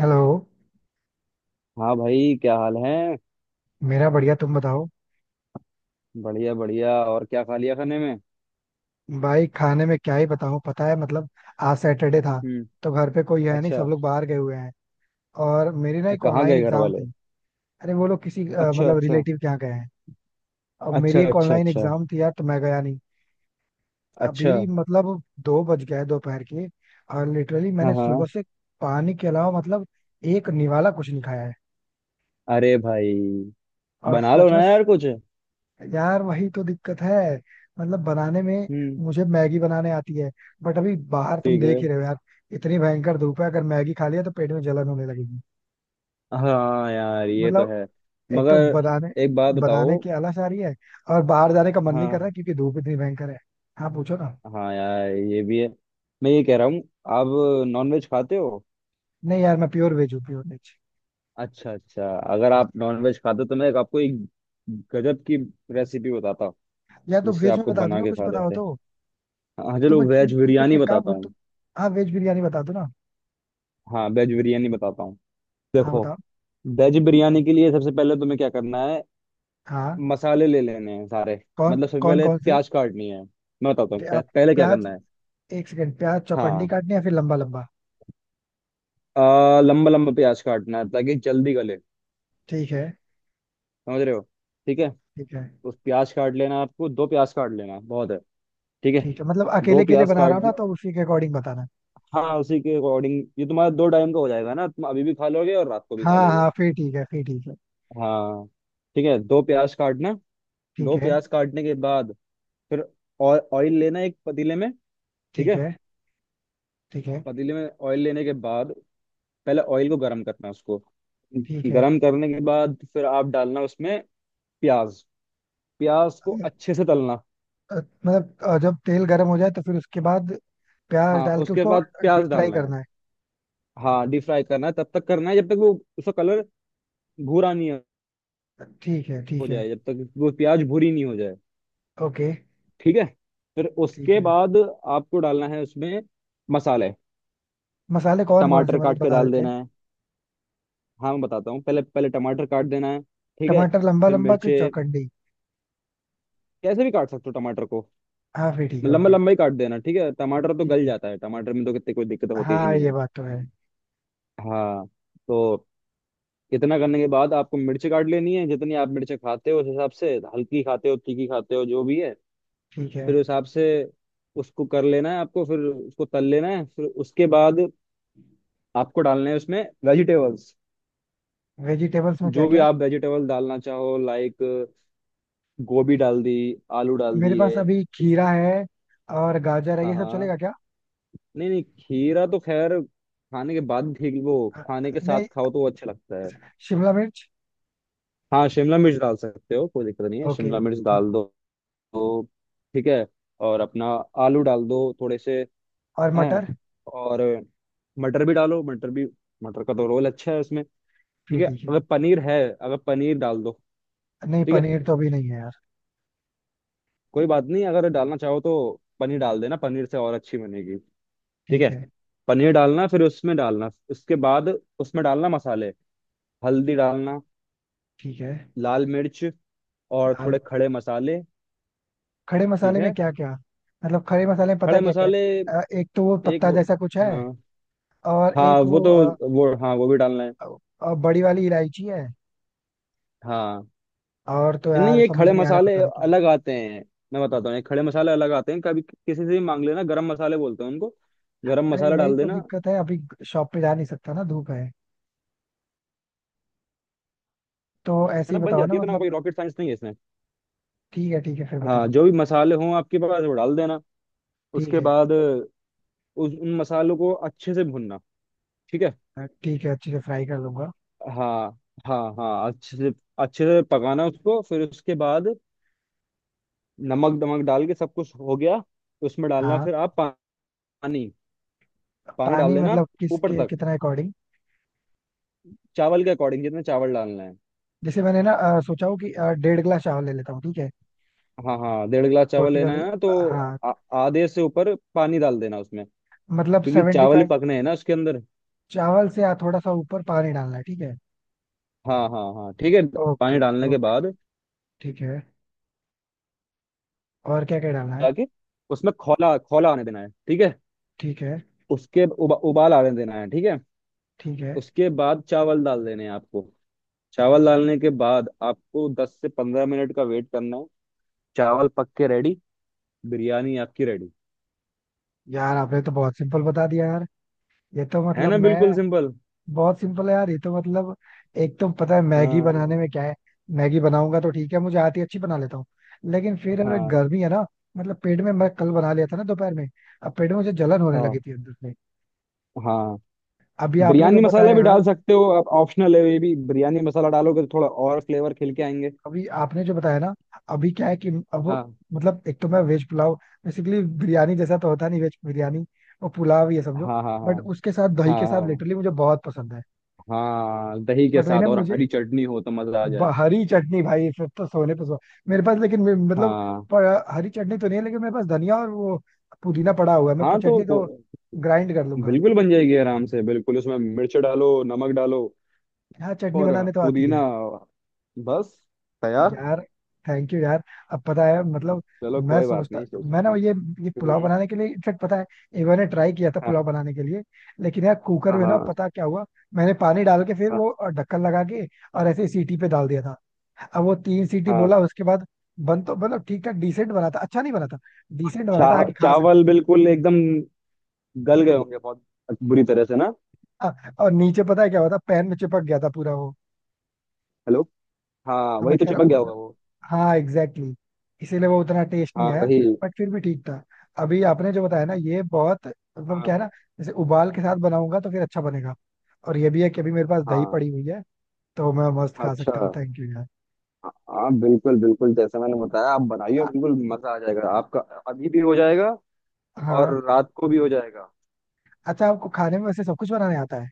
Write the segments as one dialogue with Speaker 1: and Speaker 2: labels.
Speaker 1: Hello.
Speaker 2: हाँ भाई, क्या हाल है?
Speaker 1: मेरा बढ़िया, तुम बताओ।
Speaker 2: बढ़िया बढ़िया। और क्या खा लिया खाने में?
Speaker 1: भाई खाने में क्या ही बताऊं, पता है मतलब आज सैटरडे था।
Speaker 2: हम्म।
Speaker 1: तो घर पे कोई है नहीं, सब
Speaker 2: अच्छा।
Speaker 1: लोग बाहर गए हुए हैं। और मेरी ना एक
Speaker 2: कहाँ
Speaker 1: ऑनलाइन
Speaker 2: गए घर
Speaker 1: एग्जाम
Speaker 2: वाले?
Speaker 1: थी। अरे वो लोग किसी
Speaker 2: अच्छा
Speaker 1: मतलब
Speaker 2: अच्छा
Speaker 1: रिलेटिव के यहाँ गए हैं। अब मेरी
Speaker 2: अच्छा।
Speaker 1: एक
Speaker 2: अच्छा।
Speaker 1: ऑनलाइन
Speaker 2: अच्छा
Speaker 1: एग्जाम थी यार, तो मैं गया नहीं।
Speaker 2: अच्छा।
Speaker 1: अभी मतलब 2 बज गए दोपहर के। और लिटरली
Speaker 2: हाँ
Speaker 1: मैंने सुबह
Speaker 2: हाँ।
Speaker 1: से पानी के अलावा मतलब एक निवाला कुछ नहीं खाया है।
Speaker 2: अरे भाई,
Speaker 1: और
Speaker 2: बना लो
Speaker 1: सच में
Speaker 2: ना यार कुछ।
Speaker 1: यार वही तो दिक्कत है, मतलब बनाने में।
Speaker 2: हम्म।
Speaker 1: मुझे मैगी बनाने आती है, बट अभी बाहर तुम
Speaker 2: ठीक है।
Speaker 1: देख ही रहे हो यार, इतनी भयंकर धूप है। अगर मैगी खा लिया तो पेट में जलन होने लगेगी।
Speaker 2: हाँ यार, ये तो
Speaker 1: मतलब
Speaker 2: है।
Speaker 1: एक तो
Speaker 2: मगर
Speaker 1: बनाने
Speaker 2: एक बात
Speaker 1: बनाने
Speaker 2: बताओ।
Speaker 1: की आलस आ रही है, और बाहर जाने का मन नहीं कर रहा
Speaker 2: हाँ।
Speaker 1: क्योंकि धूप इतनी भयंकर है। हाँ, पूछो ना।
Speaker 2: हाँ यार, ये भी है। मैं ये कह रहा हूँ, आप नॉनवेज खाते हो?
Speaker 1: नहीं यार, मैं प्योर वेज हूँ, प्योर वेज।
Speaker 2: अच्छा अच्छा। अगर आप नॉनवेज खाते हो तो मैं एक आपको एक गजब की रेसिपी बताता हूँ
Speaker 1: या तो
Speaker 2: जिससे
Speaker 1: वेज में
Speaker 2: आपको
Speaker 1: बता दो
Speaker 2: बना
Speaker 1: ना
Speaker 2: के
Speaker 1: कुछ
Speaker 2: खा
Speaker 1: पता हो
Speaker 2: लेते हैं।
Speaker 1: तो।
Speaker 2: हाँ, चलो
Speaker 1: तुम एक
Speaker 2: वेज
Speaker 1: एक- एक- एक-
Speaker 2: बिरयानी
Speaker 1: एक काम
Speaker 2: बताता
Speaker 1: करो तुम
Speaker 2: हूँ।
Speaker 1: हाँ, वेज बिरयानी बता दो ना।
Speaker 2: हाँ, वेज बिरयानी बताता हूँ।
Speaker 1: हाँ,
Speaker 2: देखो,
Speaker 1: बताओ।
Speaker 2: वेज बिरयानी के लिए सबसे पहले तुम्हें क्या करना है,
Speaker 1: हाँ।
Speaker 2: मसाले ले लेने हैं सारे।
Speaker 1: कौन
Speaker 2: मतलब सबसे
Speaker 1: कौन
Speaker 2: पहले
Speaker 1: कौन से?
Speaker 2: प्याज काटनी है। मैं बताता हूँ
Speaker 1: आप।
Speaker 2: पहले क्या
Speaker 1: प्याज।
Speaker 2: करना है।
Speaker 1: एक सेकंड, प्याज चौकंडी
Speaker 2: हाँ।
Speaker 1: काटनी है फिर लंबा लंबा?
Speaker 2: लंबा लंबा प्याज काटना है ताकि जल्दी गले।
Speaker 1: ठीक है।
Speaker 2: समझ रहे हो? ठीक है।
Speaker 1: ठीक है।
Speaker 2: उस प्याज काट लेना, आपको दो प्याज काट लेना बहुत है। ठीक है,
Speaker 1: ठीक है मतलब
Speaker 2: दो
Speaker 1: अकेले के लिए
Speaker 2: प्याज
Speaker 1: बना रहा
Speaker 2: काट।
Speaker 1: हूँ ना, तो उसी के अकॉर्डिंग बताना।
Speaker 2: हाँ, उसी के अकॉर्डिंग ये तुम्हारा दो टाइम का हो जाएगा ना, तुम अभी भी खा लोगे और रात को भी खा
Speaker 1: हाँ
Speaker 2: लोगे।
Speaker 1: हाँ, फिर ठीक है, फिर ठीक है।
Speaker 2: हाँ। ठीक है, दो प्याज काटना।
Speaker 1: ठीक
Speaker 2: दो
Speaker 1: है।
Speaker 2: प्याज काटने के बाद फिर ऑयल लेना है एक पतीले में। ठीक
Speaker 1: ठीक
Speaker 2: है।
Speaker 1: है। ठीक है।
Speaker 2: पतीले में ऑयल लेने के बाद पहले ऑयल को गर्म करना है उसको।
Speaker 1: ठीक है।
Speaker 2: गरम करने के बाद फिर आप डालना उसमें प्याज। प्याज
Speaker 1: अ,
Speaker 2: को अच्छे से तलना।
Speaker 1: अ, मतलब जब तेल गर्म हो जाए तो फिर उसके बाद प्याज
Speaker 2: हाँ,
Speaker 1: डाल के
Speaker 2: उसके
Speaker 1: उसको
Speaker 2: बाद प्याज
Speaker 1: डीप फ्राई
Speaker 2: डालना है।
Speaker 1: करना है।
Speaker 2: हाँ, डीप फ्राई करना है तब तक करना है जब तक वो, उसका कलर भूरा नहीं
Speaker 1: ठीक है
Speaker 2: हो
Speaker 1: ठीक है।
Speaker 2: जाए, जब तक वो प्याज भूरी नहीं हो जाए।
Speaker 1: ओके।
Speaker 2: ठीक है, फिर
Speaker 1: ठीक
Speaker 2: उसके
Speaker 1: है।
Speaker 2: बाद आपको डालना है उसमें मसाले।
Speaker 1: मसाले कौन कौन से,
Speaker 2: टमाटर
Speaker 1: मतलब
Speaker 2: काट के
Speaker 1: बता
Speaker 2: डाल
Speaker 1: देते हैं।
Speaker 2: देना है। हाँ, मैं बताता हूँ, पहले पहले टमाटर काट देना है। ठीक है।
Speaker 1: टमाटर लंबा
Speaker 2: फिर
Speaker 1: लंबा कि
Speaker 2: मिर्चे।
Speaker 1: चौकंडी?
Speaker 2: कैसे भी काट सकते हो टमाटर को,
Speaker 1: हाँ फिर ठीक है,
Speaker 2: लंबा
Speaker 1: ओके।
Speaker 2: लंबा ही काट देना। ठीक है, टमाटर तो
Speaker 1: ठीक
Speaker 2: गल
Speaker 1: है।
Speaker 2: जाता है, टमाटर में तो कितनी कोई दिक्कत होती ही
Speaker 1: हाँ,
Speaker 2: नहीं
Speaker 1: ये
Speaker 2: है।
Speaker 1: बात तो है।
Speaker 2: हाँ। तो इतना करने के बाद आपको मिर्ची काट लेनी है जितनी आप मिर्ची खाते हो, उस हिसाब से, हल्की खाते हो, तीखी खाते हो, जो भी है,
Speaker 1: ठीक है।
Speaker 2: फिर उस हिसाब से उसको कर लेना है आपको। फिर उसको तल लेना है। फिर उसके बाद आपको डालना है उसमें वेजिटेबल्स।
Speaker 1: वेजिटेबल्स में क्या
Speaker 2: जो भी
Speaker 1: क्या?
Speaker 2: आप वेजिटेबल डालना चाहो, लाइक गोभी डाल दी, आलू डाल
Speaker 1: मेरे पास
Speaker 2: दिए।
Speaker 1: अभी खीरा है और गाजर है,
Speaker 2: हाँ
Speaker 1: ये सब
Speaker 2: हाँ।
Speaker 1: चलेगा क्या?
Speaker 2: नहीं नहीं, खीरा तो खैर खाने के बाद ठीक वो,
Speaker 1: हाँ।
Speaker 2: खाने के साथ
Speaker 1: नहीं,
Speaker 2: खाओ तो वो अच्छा लगता है।
Speaker 1: शिमला मिर्च।
Speaker 2: हाँ, शिमला मिर्च डाल सकते हो, कोई दिक्कत नहीं है,
Speaker 1: ओके।
Speaker 2: शिमला मिर्च
Speaker 1: ठीक
Speaker 2: डाल
Speaker 1: है।
Speaker 2: दो। तो ठीक है, और अपना आलू डाल दो थोड़े से।
Speaker 1: और
Speaker 2: हैं।
Speaker 1: मटर?
Speaker 2: और मटर भी डालो, मटर भी। मटर का तो रोल अच्छा है उसमें। ठीक
Speaker 1: फिर
Speaker 2: है,
Speaker 1: ठीक है।
Speaker 2: अगर पनीर है, अगर पनीर डाल दो।
Speaker 1: नहीं,
Speaker 2: ठीक है,
Speaker 1: पनीर तो अभी नहीं है यार।
Speaker 2: कोई बात नहीं, अगर डालना चाहो तो पनीर डाल देना, पनीर से और अच्छी बनेगी। ठीक
Speaker 1: ठीक
Speaker 2: है।
Speaker 1: है।
Speaker 2: पनीर डालना फिर उसमें डालना, उसके बाद उसमें डालना मसाले। हल्दी डालना,
Speaker 1: ठीक है।
Speaker 2: लाल मिर्च, और
Speaker 1: लाल
Speaker 2: थोड़े खड़े
Speaker 1: मिर्च।
Speaker 2: मसाले।
Speaker 1: खड़े
Speaker 2: ठीक
Speaker 1: मसाले में
Speaker 2: है।
Speaker 1: क्या क्या? मतलब खड़े मसाले में पता
Speaker 2: खड़े
Speaker 1: है क्या क्या
Speaker 2: मसाले
Speaker 1: है, एक तो वो
Speaker 2: एक
Speaker 1: पत्ता
Speaker 2: हो।
Speaker 1: जैसा कुछ है।
Speaker 2: हाँ।
Speaker 1: और
Speaker 2: हाँ
Speaker 1: एक
Speaker 2: वो
Speaker 1: वो
Speaker 2: तो, वो हाँ वो भी डालना है।
Speaker 1: अ, बड़ी वाली इलायची है।
Speaker 2: हाँ।
Speaker 1: और तो
Speaker 2: नहीं,
Speaker 1: यार
Speaker 2: ये
Speaker 1: समझ
Speaker 2: खड़े
Speaker 1: नहीं आ रहा,
Speaker 2: मसाले
Speaker 1: पता नहीं क्यों।
Speaker 2: अलग आते हैं। मैं बताता हूँ, ये खड़े मसाले अलग आते हैं, कभी किसी से भी मांग लेना, गरम मसाले बोलते हैं उनको। गरम
Speaker 1: अरे
Speaker 2: मसाला
Speaker 1: वही
Speaker 2: डाल
Speaker 1: तो
Speaker 2: देना है।
Speaker 1: दिक्कत है अभी, शॉप पे जा नहीं सकता ना, धूप है। तो ऐसे
Speaker 2: ना
Speaker 1: ही
Speaker 2: बन
Speaker 1: बताओ ना
Speaker 2: जाती है, इतना
Speaker 1: मतलब।
Speaker 2: कोई रॉकेट साइंस नहीं है इसमें।
Speaker 1: ठीक है ठीक है, फिर
Speaker 2: हाँ,
Speaker 1: बताओ।
Speaker 2: जो भी मसाले हों आपके पास वो डाल देना।
Speaker 1: ठीक
Speaker 2: उसके
Speaker 1: है।
Speaker 2: बाद उस, उन मसालों को अच्छे से भुनना। ठीक है।
Speaker 1: ठीक है, अच्छे से फ्राई कर लूंगा।
Speaker 2: हाँ हाँ, हाँ अच्छे से, अच्छे से पकाना उसको। फिर उसके बाद नमक दमक डाल के सब कुछ हो गया तो उसमें डालना
Speaker 1: हाँ।
Speaker 2: फिर आप पानी। पानी डाल
Speaker 1: पानी
Speaker 2: देना,
Speaker 1: मतलब
Speaker 2: ऊपर
Speaker 1: किसके
Speaker 2: तक,
Speaker 1: कितना अकॉर्डिंग?
Speaker 2: चावल के अकॉर्डिंग जितना चावल डालना है।
Speaker 1: जैसे मैंने ना सोचा हूँ कि डेढ़ गिलास चावल ले लेता हूँ, ठीक है।
Speaker 2: हाँ हाँ, डेढ़ गिलास चावल
Speaker 1: छोटी
Speaker 2: लेना
Speaker 1: वाली।
Speaker 2: है ना तो
Speaker 1: हाँ।
Speaker 2: आ- आधे से ऊपर पानी डाल देना उसमें,
Speaker 1: मतलब
Speaker 2: क्योंकि
Speaker 1: सेवेंटी
Speaker 2: चावल ही
Speaker 1: फाइव
Speaker 2: पकने हैं ना उसके अंदर।
Speaker 1: चावल से थोड़ा सा ऊपर पानी डालना है, ठीक है।
Speaker 2: हाँ हाँ हाँ, ठीक है।
Speaker 1: ओके।
Speaker 2: पानी डालने के
Speaker 1: ओके।
Speaker 2: बाद
Speaker 1: ठीक है। और क्या क्या डालना है?
Speaker 2: जाके उसमें खौला खौला आने देना है। ठीक है,
Speaker 1: ठीक है।
Speaker 2: उसके उबाल आने देना है। ठीक है,
Speaker 1: ठीक है।
Speaker 2: उसके बाद चावल डाल देने हैं आपको। चावल डालने के बाद आपको 10 से 15 मिनट का वेट करना है। चावल पक के रेडी, बिरयानी आपकी रेडी।
Speaker 1: यार आपने तो बहुत सिंपल बता दिया यार। ये तो
Speaker 2: है
Speaker 1: मतलब
Speaker 2: ना, बिल्कुल
Speaker 1: मैं
Speaker 2: सिंपल।
Speaker 1: बहुत सिंपल है यार, ये तो मतलब एक तो पता है मैगी
Speaker 2: हाँ
Speaker 1: बनाने में क्या है। मैगी बनाऊंगा तो ठीक है, मुझे आती है, अच्छी बना लेता हूँ। लेकिन फिर अगर
Speaker 2: हाँ
Speaker 1: गर्मी है ना, मतलब पेट में, मैं कल बना लिया था ना दोपहर में, अब पेट में मुझे जलन होने
Speaker 2: हाँ
Speaker 1: लगी थी अंदर से।
Speaker 2: हाँ।
Speaker 1: अभी आपने जो
Speaker 2: बिरयानी मसाला
Speaker 1: बताया
Speaker 2: भी
Speaker 1: यार,
Speaker 2: डाल सकते हो आप, ऑप्शनल है ये भी, बिरयानी मसाला डालोगे तो थोड़ा और फ्लेवर खिल के आएंगे।
Speaker 1: अभी आपने जो बताया ना, अभी क्या है कि अब वो-
Speaker 2: हाँ
Speaker 1: मतलब एक तो मैं वेज पुलाव, बेसिकली बिरयानी जैसा तो होता नहीं वेज बिरयानी, वो पुलाव ये समझो।
Speaker 2: हाँ हाँ हाँ
Speaker 1: बट उसके साथ दही के साथ
Speaker 2: हाँ।
Speaker 1: लिटरली मुझे बहुत पसंद है।
Speaker 2: हाँ, दही के
Speaker 1: बट वही ना
Speaker 2: साथ और
Speaker 1: मुझे,
Speaker 2: हरी चटनी हो तो मजा आ जाए।
Speaker 1: हरी चटनी भाई फिर तो सोने पे सो। मेरे पास लेकिन मे- मतलब
Speaker 2: हाँ।
Speaker 1: हरी चटनी तो नहीं है, लेकिन मेरे पास धनिया और वो पुदीना पड़ा हुआ है, मैं
Speaker 2: हाँ
Speaker 1: चटनी तो ग्राइंड कर लूंगा।
Speaker 2: बिल्कुल बन जाएगी आराम से, बिल्कुल, उसमें मिर्च डालो, नमक डालो,
Speaker 1: हाँ, चटनी
Speaker 2: और
Speaker 1: बनाने तो आती
Speaker 2: पुदीना,
Speaker 1: है।
Speaker 2: बस तैयार।
Speaker 1: यार थैंक यू यार। अब पता है मतलब
Speaker 2: चलो
Speaker 1: मैं
Speaker 2: कोई बात
Speaker 1: सोचता
Speaker 2: नहीं।
Speaker 1: मैं ना ये पुलाव
Speaker 2: हम्म।
Speaker 1: बनाने के लिए, इनफेक्ट पता है, एक बार ट्राई किया था
Speaker 2: हाँ
Speaker 1: पुलाव बनाने के लिए। लेकिन यार कुकर में ना
Speaker 2: हाँ
Speaker 1: पता क्या हुआ, मैंने पानी डाल के फिर
Speaker 2: हाँ
Speaker 1: वो ढक्कन लगा के और ऐसे ही सीटी पे डाल दिया था। अब वो 3 सीटी
Speaker 2: हाँ।
Speaker 1: बोला उसके बाद बन तो मतलब ठीक ठाक डिसेंट बना था, अच्छा नहीं बना था, डिसेंट बना था, आके खा सकते
Speaker 2: चावल
Speaker 1: थे।
Speaker 2: बिल्कुल एकदम गल गए होंगे बहुत बुरी तरह से ना।
Speaker 1: हाँ, और नीचे पता है क्या हुआ था, पैन में चिपक गया था पूरा वो।
Speaker 2: हेलो। हाँ
Speaker 1: हाँ मैं
Speaker 2: वही तो
Speaker 1: कह रहा
Speaker 2: चिपक
Speaker 1: हूँ
Speaker 2: गया होगा
Speaker 1: उस-
Speaker 2: वो।
Speaker 1: हाँ एग्जैक्टली, exactly. इसीलिए वो उतना टेस्ट नहीं
Speaker 2: हाँ
Speaker 1: आया।
Speaker 2: वही।
Speaker 1: बट फिर भी ठीक था। अभी आपने जो बताया ना ये बहुत, मतलब
Speaker 2: हाँ
Speaker 1: क्या है ना, जैसे उबाल के साथ बनाऊंगा तो फिर अच्छा बनेगा। और ये भी है कि अभी मेरे पास दही
Speaker 2: हाँ।
Speaker 1: पड़ी हुई है, तो मैं मस्त खा
Speaker 2: अच्छा।
Speaker 1: सकता हूँ। थैंक यू यार।
Speaker 2: हाँ, बिल्कुल बिल्कुल, जैसा मैंने बताया
Speaker 1: अच्छा।
Speaker 2: आप बनाइए,
Speaker 1: आ-
Speaker 2: बिल्कुल मजा आ जाएगा आपका। अभी भी हो जाएगा और
Speaker 1: हाँ।
Speaker 2: रात को भी हो जाएगा।
Speaker 1: अच्छा आपको खाने में वैसे सब कुछ बनाने आता है?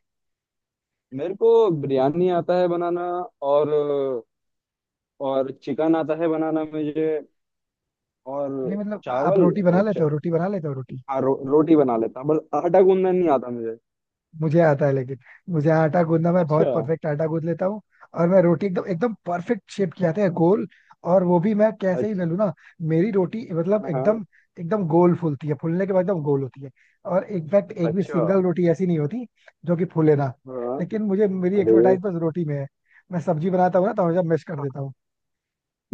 Speaker 2: मेरे को बिरयानी आता है बनाना, और और चिकन आता है बनाना मुझे,
Speaker 1: नहीं
Speaker 2: और
Speaker 1: मतलब आप
Speaker 2: चावल
Speaker 1: रोटी बना
Speaker 2: और
Speaker 1: लेते
Speaker 2: च...
Speaker 1: हो, रोटी बना लेते हो रोटी।
Speaker 2: हाँ रोटी बना लेता हूँ बस। आटा गूंदना नहीं आता मुझे।
Speaker 1: मुझे आता है, लेकिन मुझे आटा गूंदना, मैं
Speaker 2: अच्छा।
Speaker 1: बहुत परफेक्ट आटा गूंद लेता हूँ। और मैं रोटी एकदम एकदम परफेक्ट शेप की आती है, गोल। और वो भी मैं कैसे ही
Speaker 2: अच्छा।
Speaker 1: बेलूँ ना, मेरी रोटी मतलब
Speaker 2: हाँ।
Speaker 1: एकदम एकदम गोल फूलती है, फूलने के बाद एकदम गोल होती है। और इनफैक्ट एक भी
Speaker 2: अच्छा।
Speaker 1: सिंगल रोटी ऐसी नहीं होती जो कि फूले ना।
Speaker 2: हाँ।
Speaker 1: लेकिन मुझे, मेरी
Speaker 2: अरे।
Speaker 1: एक्सपर्टाइज बस रोटी में है। मैं सब्जी बनाता हूँ ना तो हमेशा मैश कर देता हूँ।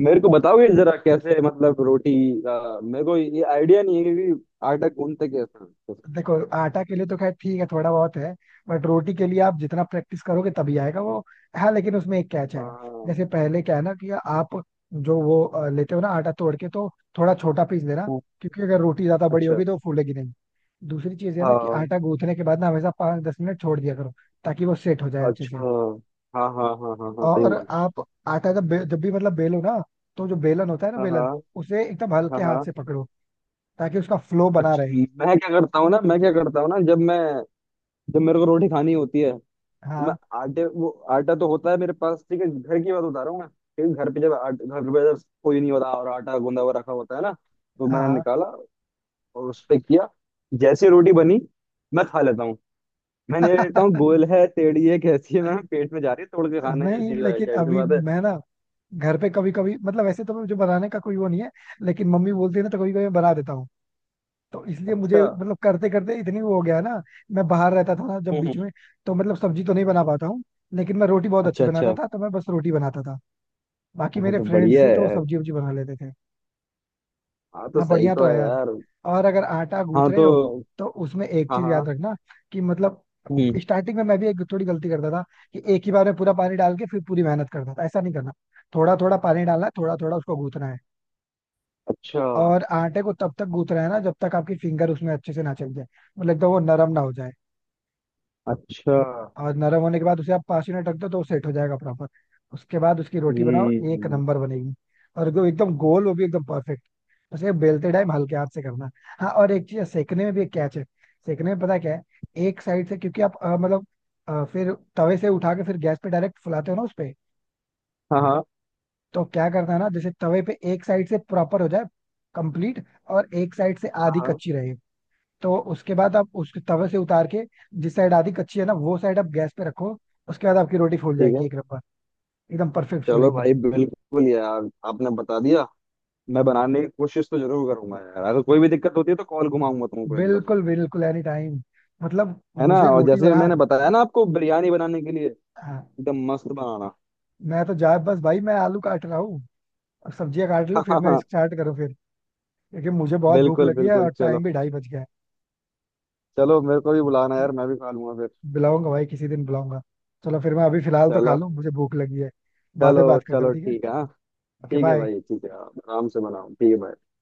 Speaker 2: मेरे को बताओगे जरा कैसे मतलब रोटी, मेरे को ये आइडिया नहीं है कि आटा गूंथते कैसे हैं।
Speaker 1: देखो, आटा के लिए तो खैर ठीक है, थोड़ा बहुत है। बट रोटी के लिए आप जितना प्रैक्टिस करोगे तभी आएगा वो। हाँ लेकिन उसमें एक कैच है।
Speaker 2: हाँ
Speaker 1: जैसे पहले क्या है ना कि आप जो वो लेते हो ना आटा तोड़ के, तो थोड़ा छोटा पीस लेना,
Speaker 2: हाँ।
Speaker 1: क्योंकि अगर रोटी ज्यादा बड़ी
Speaker 2: अच्छा।
Speaker 1: होगी तो वो फूलेगी नहीं। दूसरी चीज है ना कि
Speaker 2: हाँ।
Speaker 1: आटा गूंथने के बाद ना हमेशा 5 10 मिनट छोड़ दिया करो, ताकि वो सेट हो जाए अच्छे
Speaker 2: अच्छा।
Speaker 1: से।
Speaker 2: हाँ हाँ हाँ हाँ हाँ, सही
Speaker 1: और
Speaker 2: बोल।
Speaker 1: आप आटा जब भी मतलब बेलो ना, तो जो बेलन होता है ना,
Speaker 2: हाँ
Speaker 1: बेलन,
Speaker 2: हाँ।
Speaker 1: उसे एकदम
Speaker 2: हाँ
Speaker 1: हल्के हाथ
Speaker 2: हाँ।
Speaker 1: से पकड़ो, ताकि उसका फ्लो बना
Speaker 2: अच्छा।
Speaker 1: रहे।
Speaker 2: मैं क्या करता हूँ ना, मैं क्या करता हूँ ना, जब मैं, जब मेरे को रोटी खानी होती है तो मैं
Speaker 1: हाँ
Speaker 2: आटे वो आटा तो होता है मेरे पास ठीक है। घर की बात बता रहा हूँ मैं क्योंकि घर पे जब घर पे जब कोई नहीं होता और आटा गूंदा हुआ रखा होता है ना, तो मैंने
Speaker 1: हाँ
Speaker 2: निकाला और उस पे किया, जैसे रोटी बनी मैं खा लेता हूँ। मैंने ये देखता
Speaker 1: हाँ।
Speaker 2: हूँ गोल है, टेढ़ी है, कैसी है? मैम पेट में जा रही है, तोड़ के खाना है,
Speaker 1: नहीं
Speaker 2: जैसी भाई
Speaker 1: लेकिन
Speaker 2: जाहिर सी
Speaker 1: अभी
Speaker 2: बात है।
Speaker 1: मैं ना, घर पे कभी कभी मतलब, वैसे तो मुझे बनाने का कोई वो नहीं है, लेकिन मम्मी बोलती है ना तो कभी कभी मैं बना देता हूँ, तो इसलिए
Speaker 2: अच्छा।
Speaker 1: मुझे मतलब करते करते इतनी वो हो गया ना। मैं बाहर रहता था ना जब
Speaker 2: हम्म।
Speaker 1: बीच में, तो मतलब सब्जी तो नहीं बना पाता हूँ, लेकिन मैं रोटी बहुत अच्छी
Speaker 2: अच्छा
Speaker 1: बनाता
Speaker 2: अच्छा।
Speaker 1: था तो मैं बस रोटी बनाता था। बाकी
Speaker 2: हाँ,
Speaker 1: मेरे
Speaker 2: तो
Speaker 1: फ्रेंड्स
Speaker 2: बढ़िया
Speaker 1: से तो वो
Speaker 2: है।
Speaker 1: सब्जी वब्जी बना लेते थे।
Speaker 2: हाँ, तो
Speaker 1: हाँ
Speaker 2: सही
Speaker 1: बढ़िया तो
Speaker 2: तो
Speaker 1: है
Speaker 2: है
Speaker 1: यार।
Speaker 2: यार।
Speaker 1: और अगर आटा गूंथ
Speaker 2: हाँ
Speaker 1: रहे
Speaker 2: तो,
Speaker 1: हो तो उसमें एक
Speaker 2: हाँ
Speaker 1: चीज याद
Speaker 2: हाँ।
Speaker 1: रखना, कि मतलब
Speaker 2: हम्म।
Speaker 1: स्टार्टिंग में मैं भी एक थोड़ी गलती करता था, कि एक ही बार में पूरा पानी डाल के फिर पूरी मेहनत करता था। ऐसा नहीं करना, थोड़ा थोड़ा पानी डालना है, थोड़ा थोड़ा उसको गूंथना है।
Speaker 2: अच्छा
Speaker 1: और आटे को तब तक गूंथना है ना जब तक आपकी फिंगर उसमें अच्छे से ना चल जाए, मतलब एकदम वो नरम ना हो जाए।
Speaker 2: अच्छा।
Speaker 1: और नरम होने के बाद उसे आप 5 मिनट रख दो तो वो सेट हो जाएगा प्रॉपर। उसके बाद उसकी रोटी बनाओ, एक
Speaker 2: हम्म।
Speaker 1: नंबर बनेगी। और वो एकदम गोल, वो भी एकदम परफेक्ट। बस ये बेलते टाइम हल्के हाथ से करना। हाँ और एक चीज है, सेकने में भी एक कैच है। सेकने में पता क्या है, एक साइड से, क्योंकि आप मतलब फिर तवे से उठा के फिर गैस पे डायरेक्ट फुलाते हो ना उस पे।
Speaker 2: हाँ हाँ
Speaker 1: तो क्या करना है ना, जैसे तवे पे एक साइड से प्रॉपर हो जाए, कंप्लीट, और एक साइड से
Speaker 2: हाँ
Speaker 1: आधी
Speaker 2: हाँ।
Speaker 1: कच्ची रहे। तो उसके बाद आप उस तवे से उतार के जिस साइड आधी कच्ची है ना, वो साइड आप गैस पे रखो। उसके बाद आपकी रोटी फूल
Speaker 2: ठीक
Speaker 1: जाएगी,
Speaker 2: है,
Speaker 1: एक नंबर, एकदम परफेक्ट
Speaker 2: चलो
Speaker 1: फूलेगी।
Speaker 2: भाई। बिल्कुल यार, आपने बता दिया। मैं बनाने की कोशिश तो जरूर करूंगा यार, अगर कोई भी दिक्कत होती है तो कॉल घुमाऊंगा तुमको एकदम।
Speaker 1: बिल्कुल बिल्कुल, एनी टाइम। मतलब
Speaker 2: है ना,
Speaker 1: मुझे
Speaker 2: और
Speaker 1: रोटी
Speaker 2: जैसे
Speaker 1: बना
Speaker 2: मैंने बताया ना आपको बिरयानी बनाने के लिए,
Speaker 1: हाँ।
Speaker 2: एकदम मस्त बनाना।
Speaker 1: मैं तो जा, बस भाई मैं आलू काट रहा हूँ, अब सब्जियां काट लो
Speaker 2: हाँ
Speaker 1: फिर
Speaker 2: हाँ
Speaker 1: मैं
Speaker 2: हाँ
Speaker 1: स्टार्ट करूँ फिर। क्योंकि मुझे बहुत भूख
Speaker 2: बिल्कुल
Speaker 1: लगी है,
Speaker 2: बिल्कुल।
Speaker 1: और
Speaker 2: चलो,
Speaker 1: टाइम भी 2:30 बज गया
Speaker 2: चलो मेरे को भी बुलाना
Speaker 1: है।
Speaker 2: यार, मैं भी खा लूंगा फिर।
Speaker 1: बुलाऊंगा भाई, किसी दिन बुलाऊंगा। चलो फिर, मैं अभी फिलहाल तो खा
Speaker 2: चलो
Speaker 1: लूँ, मुझे भूख लगी है। बाद
Speaker 2: चलो
Speaker 1: में बात करते हो,
Speaker 2: चलो,
Speaker 1: ठीक है।
Speaker 2: ठीक है हाँ।
Speaker 1: ओके
Speaker 2: ठीक है
Speaker 1: बाय।
Speaker 2: भाई, ठीक है, आप आराम से बनाओ, ठीक है भाई।